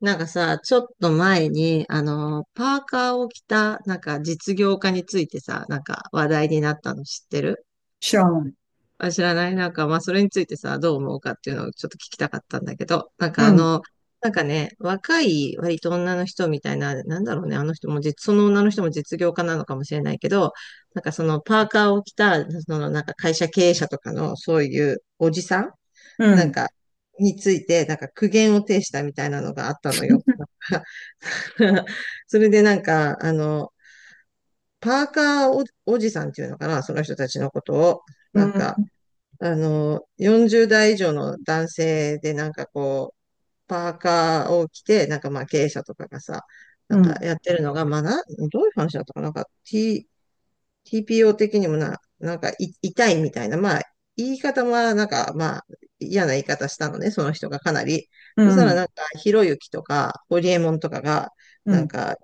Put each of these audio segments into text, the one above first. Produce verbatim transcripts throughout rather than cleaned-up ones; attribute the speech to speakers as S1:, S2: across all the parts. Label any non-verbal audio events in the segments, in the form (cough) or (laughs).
S1: なんかさ、ちょっと前に、あの、パーカーを着た、なんか実業家についてさ、なんか話題になったの知ってる？
S2: 知らない。
S1: あ、知らない。なんか、まあ、それについてさ、どう思うかっていうのをちょっと聞きたかったんだけど、なんか
S2: う
S1: あ
S2: ん、
S1: の、なんかね、若い割と女の人みたいな、なんだろうね、あの人も実、その女の人も実業家なのかもしれないけど、なんかそのパーカーを着た、そのなんか会社経営者とかの、そういうおじさん
S2: う
S1: なん
S2: ん、
S1: か、について、なんか苦言を呈したみたいなのがあったのよ。(laughs) それでなんか、あの、パーカーお、おじさんっていうのかな、その人たちのことを。
S2: う
S1: なんか、
S2: ん、
S1: あの、よんじゅう代以上の男性でなんかこう、パーカーを着て、なんかまあ経営者とかがさ、な
S2: う
S1: んか
S2: ん、
S1: やってるのが、まあな、どういう話だったかな。なんか T、ティーピーオー 的にもな、なんかい痛いみたいな、まあ言い方もなんかまあ嫌な言い方したのね、その人がかなり。
S2: う
S1: そしたら
S2: ん、
S1: なんかひろゆきとかホリエモンとかが、
S2: う
S1: なん
S2: ん。
S1: か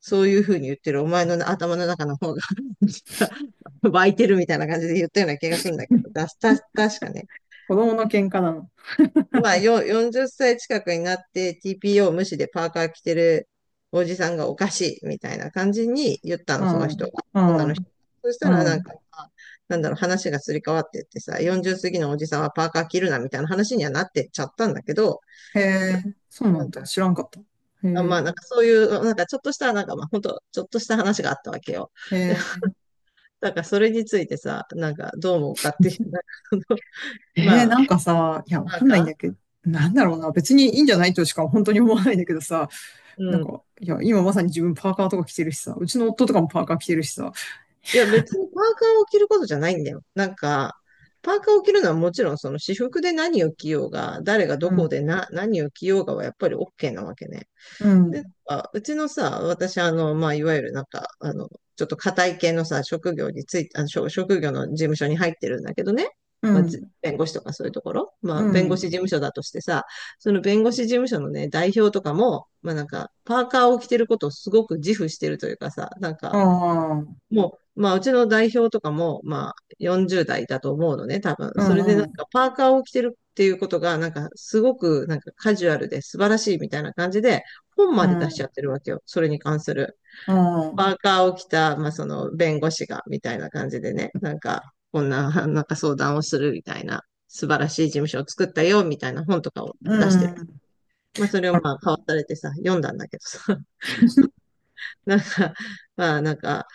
S1: そういうふうに言ってるお前の頭の中の方が (laughs) 湧いてるみたいな感じで言ったような気がするんだけど、だた、確かね。
S2: 子供の喧嘩なの。
S1: まあ、よ、よんじゅっさい近くになって ティーピーオー 無視でパーカー着てるおじさんがおかしいみたいな感じに言った
S2: う
S1: の、その人が。
S2: ん、う
S1: 女の人。
S2: ん、
S1: そした
S2: う
S1: らなん
S2: ん。
S1: か、まあなんだろう、話がすり替わってってさ、よんじゅう過ぎのおじさんはパーカー着るなみたいな話にはなってっちゃったんだけど、
S2: へえ、そうな
S1: な
S2: ん
S1: ん
S2: だ。
S1: か、
S2: 知らんかった。へ
S1: あま
S2: え、
S1: あなんかそういう、なんかちょっとした、なんかまあ本当ちょっとした話があったわけよ。
S2: へ
S1: で、
S2: え、
S1: だからそれについてさ、なんかどう思うかっていう、なんかその (laughs)
S2: へー。
S1: まあ、
S2: なんかさ、いや、わ
S1: パ
S2: か
S1: ー
S2: んないんだ
S1: カ
S2: けど、なんだろう
S1: ー
S2: な。別にいいんじゃないとしか本当に思わないんだけどさ、
S1: う
S2: なん
S1: ん。うん。
S2: か、いや、今まさに自分パーカーとか着てるしさ、うちの夫とかもパーカー着てるしさ。
S1: いや、別にパーカーを着ることじゃないんだよ。なんか、パーカーを着るのはもちろんその私服で何を着ようが、誰が
S2: う
S1: どこ
S2: ん、
S1: でな、何を着ようがはやっぱり OK なわけね。
S2: う
S1: で、
S2: ん、
S1: なんかうちのさ、私、あの、まあ、いわゆるなんか、あの、ちょっと堅い系のさ、職業について、あの、職職業の事務所に入ってるんだけどね。
S2: う
S1: まあ、じ
S2: ん、
S1: 弁護士とかそういうところ。まあ、
S2: う
S1: 弁護士
S2: ん、
S1: 事務所だとしてさ、その弁護士事務所のね、代表とかも、まあなんか、パーカーを着てることをすごく自負してるというかさ、なん
S2: あ
S1: か、
S2: あ、うん、
S1: もう、まあ、うちの代表とかも、まあ、よんじゅう代だと思うのね、多分。
S2: う
S1: それでなん
S2: ん、
S1: か、パーカーを着てるっていうことが、なんか、すごく、なんか、カジュアルで素晴らしいみたいな感じで、本
S2: う
S1: まで出しちゃ
S2: ん、
S1: ってるわけよ。それに関する。
S2: う
S1: パ
S2: ん、
S1: ーカーを着た、まあ、その、弁護士が、みたいな感じでね、なんか、こんな、(laughs) なんか相談をするみたいな、素晴らしい事務所を作ったよ、みたいな本とかを
S2: う
S1: 出してる。
S2: ん。
S1: まあ、それをまあ、買わされてさ、読んだんだけどさ。(laughs) なんか、まあなんか、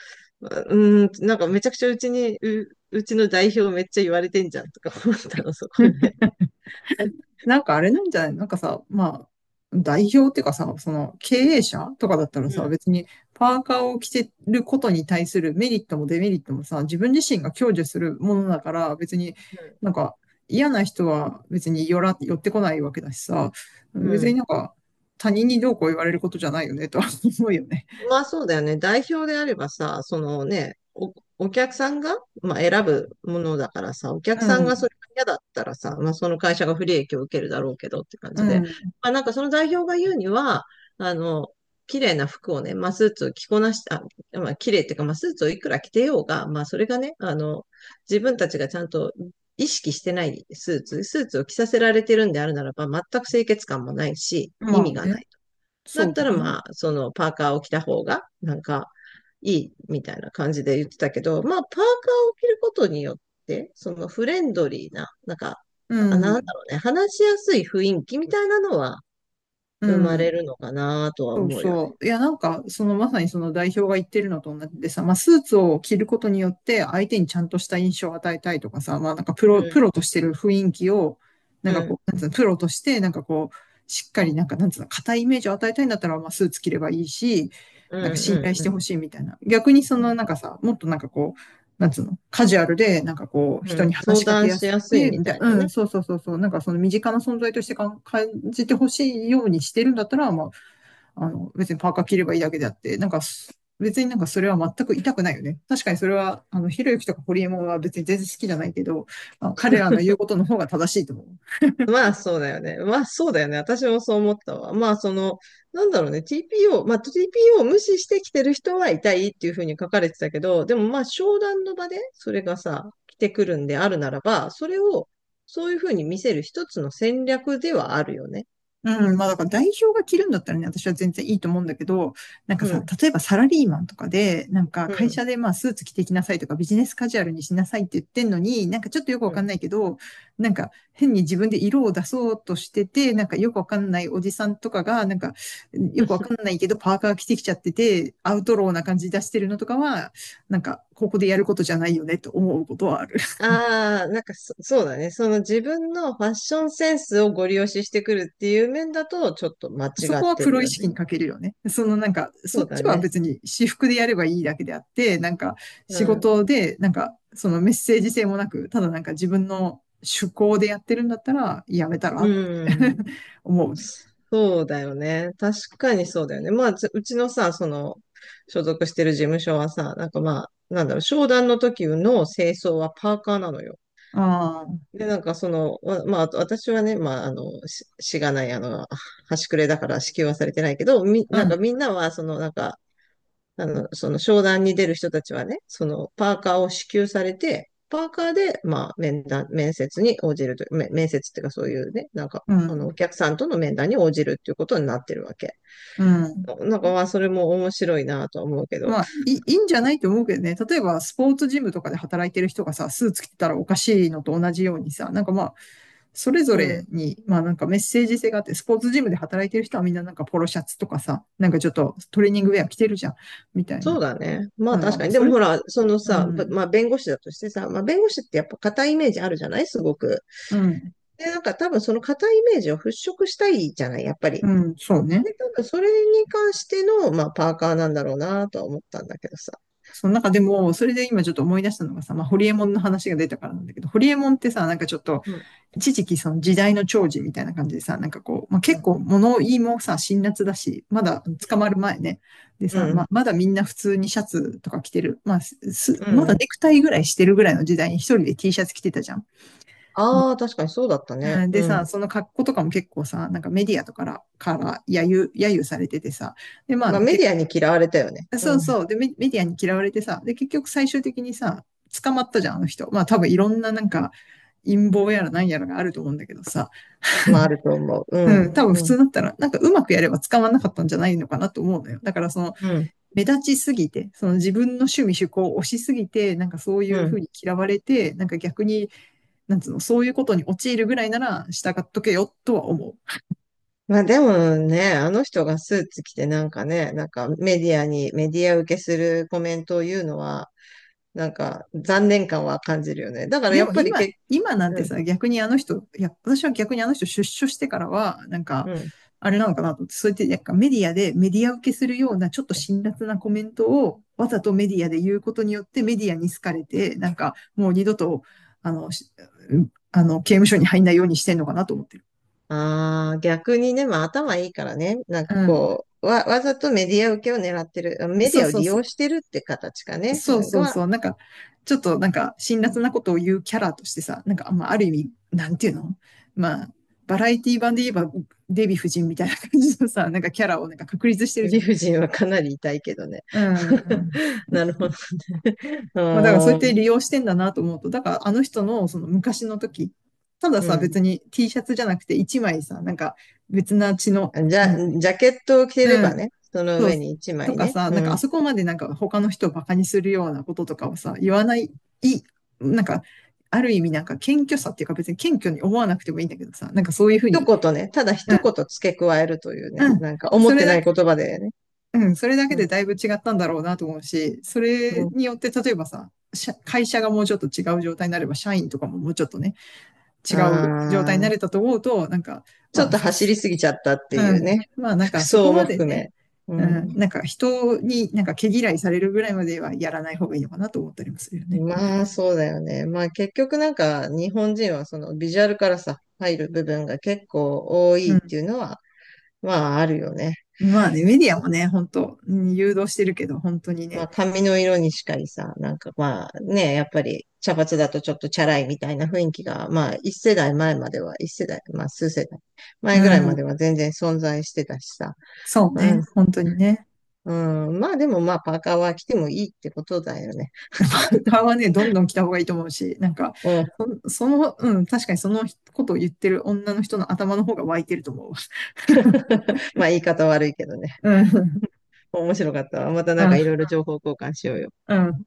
S1: うーん、なんかめちゃくちゃうちに、う、うちの代表めっちゃ言われてんじゃんとか思ったの、そこで。
S2: なんかあれなんじゃない？なんかさ、まあ、代表っていうかさ、その経営者とかだったら
S1: う
S2: さ、
S1: ん。
S2: 別にパーカーを着てることに対するメリットもデメリットもさ、自分自身が享受するものだから、別に
S1: うん。
S2: なんか嫌な人は別に寄ら、寄ってこないわけだしさ、
S1: う
S2: 別に
S1: ん。
S2: なんか他人にどうこう言われることじゃないよねとは思うよね。
S1: まあそうだよね。代表であればさ、そのね、お、お客さんが、まあ、選ぶものだからさ、お客
S2: う
S1: さんがそ
S2: ん、
S1: れが嫌だったらさ、まあその会社が不利益を受けるだろうけどって感
S2: う
S1: じ
S2: ん、
S1: で。
S2: うん。
S1: まあなんかその代表が言うには、あの、綺麗な服をね、まあスーツを着こなした、あまあ綺麗っていうか、まあスーツをいくら着てようが、まあそれがね、あの、自分たちがちゃんと意識してないスーツ、スーツを着させられてるんであるならば、全く清潔感もないし、意
S2: まあ
S1: 味がな
S2: ね、
S1: い。だ
S2: そ
S1: っ
S2: う
S1: た
S2: だ
S1: ら
S2: ね。
S1: まあ、そのパーカーを着た方が、なんか、いいみたいな感じで言ってたけど、まあ、パーカーを着ることによって、そのフレンドリーな、なんか、
S2: う
S1: あなんだ
S2: ん、
S1: ろうね、話しやすい雰囲気みたいなのは
S2: う
S1: 生まれ
S2: ん。
S1: るのかなとは
S2: そう
S1: 思うよね。
S2: そう。いや、なんか、そのまさにその代表が言ってるのと同じでさ、まあ、スーツを着ることによって相手にちゃんとした印象を与えたいとかさ、まあ、なんかプ
S1: う
S2: ロ、プ
S1: ん、
S2: ロとしてる雰囲気を、なん
S1: う
S2: か
S1: ん、
S2: こう、なんつうの、プロとして、なんかこう、しっかり、なんか、なんつうの、硬いイメージを与えたいんだったら、まあ、スーツ着ればいいし、
S1: うん、
S2: なんか信頼し
S1: う
S2: て
S1: ん、
S2: ほしいみたいな。逆にそ
S1: う
S2: の、
S1: ん。
S2: なんかさ、もっとなんかこう、なんつうの、カジュアルで、なんかこう、
S1: う
S2: 人
S1: ん、
S2: に話
S1: 相
S2: しかけ
S1: 談
S2: や
S1: し
S2: す
S1: や
S2: く
S1: すい
S2: て、
S1: み
S2: みた
S1: た
S2: い
S1: い
S2: な、
S1: な
S2: う
S1: ね。
S2: ん、そうそうそうそう、なんかその身近な存在としてかん感じてほしいようにしてるんだったら、まあ、あの、別にパーカー着ればいいだけであって、なんか別になんかそれは全く痛くないよね。確かにそれは、あの、ひろゆきとかホリエモンは別に全然好きじゃないけど、まあの彼らの言うことの方が正しいと思う。
S1: まあそうだよね。まあそうだよね。私もそう思ったわ。まあその、なんだろうね。ティーピーオー、まあ ティーピーオー を無視してきてる人はいたいっていうふうに書かれてたけど、でもまあ商談の場でそれがさ、来てくるんであるならば、それをそういうふうに見せる一つの戦略ではあるよね。
S2: うん、まあだから代表が着るんだったらね、私は全然いいと思うんだけど、なんか
S1: う
S2: さ、
S1: ん、
S2: 例えばサラリーマンとかで、なんか
S1: う
S2: 会
S1: ん、
S2: 社でまあスーツ着てきなさいとかビジネスカジュアルにしなさいって言ってんのに、なんかちょっとよくわ
S1: う
S2: かん
S1: ん。
S2: ないけど、なんか変に自分で色を出そうとしてて、なんかよくわかんないおじさんとかが、なんかよくわかんないけどパーカー着てきちゃってて、アウトローな感じ出してるのとかは、なんかここでやることじゃないよねと思うことはある。
S1: ああ、なんかそ、そうだね。その自分のファッションセンスをご利用ししてくるっていう面だと、ちょっと間違
S2: そ
S1: っ
S2: こは
S1: て
S2: プ
S1: る
S2: ロ意
S1: よ
S2: 識
S1: ね。
S2: に欠けるよね。そのなんか、
S1: そ
S2: そ
S1: う
S2: っ
S1: だ
S2: ちは
S1: ね。
S2: 別に私服でやればいいだけであって、なんか
S1: う
S2: 仕
S1: ん。
S2: 事で、なんかそのメッセージ性もなく、ただなんか自分の趣向でやってるんだったら、やめたらって
S1: う
S2: (laughs)
S1: ん。
S2: 思うね。
S1: そうだよね。確かにそうだよね。まあ、つうちのさ、その、所属してる事務所はさ、なんかまあ、なんだろう、商談の時の清掃はパーカーなのよ。
S2: ああ、
S1: で、なんかその、わまあ、あと私はね、まあ、あの、し、しがない、あの、端くれだから支給はされてないけど、み、
S2: う
S1: なんか
S2: ん、
S1: みんなは、その、なんか、あの、その商談に出る人たちはね、その、パーカーを支給されて、パーカーで、まあ、面談、面接に応じると、め面接っていうかそういうね、なんか、
S2: う
S1: あの、
S2: ん、
S1: お客さんとの面談に応じるっていうことになってるわけ。
S2: うん。
S1: なんかまあ、それも面白いなとは思うけど。
S2: まあ、いい、いいんじゃないと思うけどね。例えば、スポーツジムとかで働いてる人がさ、スーツ着てたらおかしいのと同じようにさ、なんかま、それぞ
S1: う
S2: れ
S1: ん。
S2: に、まあなんかメッセージ性があって、スポーツジムで働いてる人はみんななんかポロシャツとかさ、なんかちょっとトレーニングウェア着てるじゃん、みたい
S1: そう
S2: な。
S1: だね。まあ
S2: なんだ、
S1: 確
S2: ま
S1: か
S2: あ
S1: に。で
S2: そ
S1: も
S2: れ、
S1: ほら、その
S2: う
S1: さ、ば
S2: ん、
S1: まあ弁護士だとしてさ、まあ弁護士ってやっぱ硬いイメージあるじゃないすごく。
S2: うん、
S1: で、なんか多分その硬いイメージを払拭したいじゃないやっぱり。
S2: うん、そうね。
S1: で、多分それに関しての、まあパーカーなんだろうなとは思ったんだけどさ。
S2: その中でも、それで今ちょっと思い出したのがさ、まあ、ホリエモンの話が出たからなんだけど、ホリエモンってさ、なんかちょっと、
S1: うん、
S2: 一時期その時代の寵児みたいな感じでさ、なんかこう、まあ、
S1: う
S2: 結
S1: ん、
S2: 構物言いもさ、辛辣だし、まだ捕まる前ね。で
S1: う
S2: さ、まあ、
S1: ん、
S2: まだみんな普通にシャツとか着てる。まあ、す、
S1: う
S2: まだ
S1: ん。
S2: ネクタイぐらいしてるぐらいの時代に一人で T シャツ着てたじゃん。
S1: ああ、確かにそうだったね。
S2: うんで
S1: う
S2: さ、
S1: ん。
S2: その格好とかも結構さ、なんかメディアとかから、から揶揄、揶揄されててさ、で、ま
S1: まあ
S2: あ
S1: メ
S2: 結
S1: ディアに嫌われたよね。う
S2: そう
S1: ん。
S2: そう。で、メ、メディアに嫌われてさ、で、結局最終的にさ、捕まったじゃん、あの人。まあ多分いろんななんか陰謀やら何やらがあると思うんだけどさ、
S1: まああると思う。う
S2: うん、
S1: ん、
S2: 多分普
S1: うん、
S2: 通だったら、なんかうまくやれば捕まんなかったんじゃないのかなと思うのよ。だからその、
S1: うん、
S2: 目立ちすぎて、その自分の趣味趣向を推しすぎて、なんかそうい
S1: う
S2: うふ
S1: ん。
S2: うに嫌われて、なんか逆に、なんつうの、そういうことに陥るぐらいなら従っとけよとは思う。
S1: まあでもね、あの人がスーツ着てなんかね、なんかメディアに、メディア受けするコメントを言うのは、なんか残念感は感じるよね。だから
S2: で
S1: やっ
S2: も
S1: ぱり
S2: 今、
S1: け、
S2: 今なん
S1: う
S2: て
S1: ん、
S2: さ、逆にあの人、いや、私は逆にあの人出所してからは、なんか、
S1: うん。
S2: あれなのかなと思って、そうやってなんかメディアで、メディア受けするようなちょっと辛辣なコメントをわざとメディアで言うことによってメディアに好かれて、なんかもう二度と、あの、あの、刑務所に入んないようにしてんのかなと思ってる。
S1: ああ、逆にね、まあ頭いいからね、なんか
S2: うん。
S1: こう、わ、わざとメディア受けを狙ってる、メ
S2: そ
S1: デ
S2: う
S1: ィアを
S2: そう
S1: 利
S2: そう。
S1: 用してるって形かね、
S2: そうそう
S1: が、
S2: そう、なんか、ちょっとなんか、辛辣なことを言うキャラとしてさ、なんか、まあ、ある意味、なんていうの、まあ、バラエティ版で言えば、デヴィ夫人みたいな感じのさ、なんかキャラをなんか確立してるじゃ
S1: 理
S2: ん。
S1: 不尽はかなり痛いけどね。
S2: うん。
S1: (laughs) なるほど。う
S2: まあ、だからそうやっ
S1: ー
S2: て
S1: ん。
S2: 利用してんだなと思うと、だからあの人のその昔の時、たださ、
S1: う
S2: 別に T シャツじゃなくて一枚さ、なんか別な血の、
S1: ん。じゃ、
S2: なんか、
S1: ジャケットを着てれ
S2: う
S1: ば
S2: ん、
S1: ね、その
S2: そう、
S1: 上に一
S2: と
S1: 枚
S2: か
S1: ね。
S2: さ、
S1: う
S2: なんかあ
S1: ん。
S2: そこまでなんか他の人をバカにするようなこととかをさ、言わない、い、なんか、ある意味なんか謙虚さっていうか別に謙虚に思わなくてもいいんだけどさ、なんかそういうふう
S1: 一
S2: に、
S1: 言ね、ただ
S2: う
S1: 一
S2: ん、
S1: 言付け加えるというね、
S2: うん、
S1: なんか思
S2: そ
S1: っ
S2: れ
S1: てな
S2: だ
S1: い
S2: け、
S1: 言葉でね。
S2: うん、それだけ
S1: うん、
S2: でだいぶ違ったんだろうなと思うし、それ
S1: う
S2: によって例えばさ、社会社がもうちょっと違う状態になれば、社員とかももうちょっとね、
S1: ん、
S2: 違う状態に
S1: あ
S2: な
S1: ー、
S2: れたと思うと、なんか、
S1: ちょ
S2: ま
S1: っ
S2: あ、
S1: と
S2: 複
S1: 走り
S2: 数
S1: すぎちゃったって
S2: う
S1: いう
S2: ん。
S1: ね。
S2: まあなん
S1: 服
S2: かそこ
S1: 装も
S2: まで
S1: 含め。
S2: ね、
S1: う
S2: う
S1: ん、
S2: ん、なんか人になんか毛嫌いされるぐらいまではやらない方がいいのかなと思ったりもするよね。
S1: まあ、そうだよね。まあ、結局なんか日本人はそのビジュアルからさ、入る部分が結構多
S2: う
S1: いって
S2: ん。
S1: いうのは、まあ、あるよね。
S2: まあね、メディアもね、本当うん誘導してるけど、本当に
S1: ま
S2: ね。
S1: あ髪の色にしかりさ、なんかまあね、やっぱり茶髪だとちょっとチャラいみたいな雰囲気が、まあ一世代前までは、一世代、まあ数世代
S2: う
S1: 前ぐらいまで
S2: ん。
S1: は全然存在してたしさ。
S2: そう
S1: うん、
S2: ね。本当にね。
S1: うん、まあでもまあパーカーは着てもいいってことだよね。
S2: 顔はね、どんどん来た方がいいと思うし、なんか、
S1: うん、
S2: そその、うん、確かにそのことを言ってる女の人の頭の方が湧いてると思うわ。
S1: (laughs) まあ言い方悪いけどね。
S2: うん。
S1: 面白かったわ。また
S2: う
S1: なんかいろ
S2: ん。
S1: いろ情報交換しようよ。
S2: うん。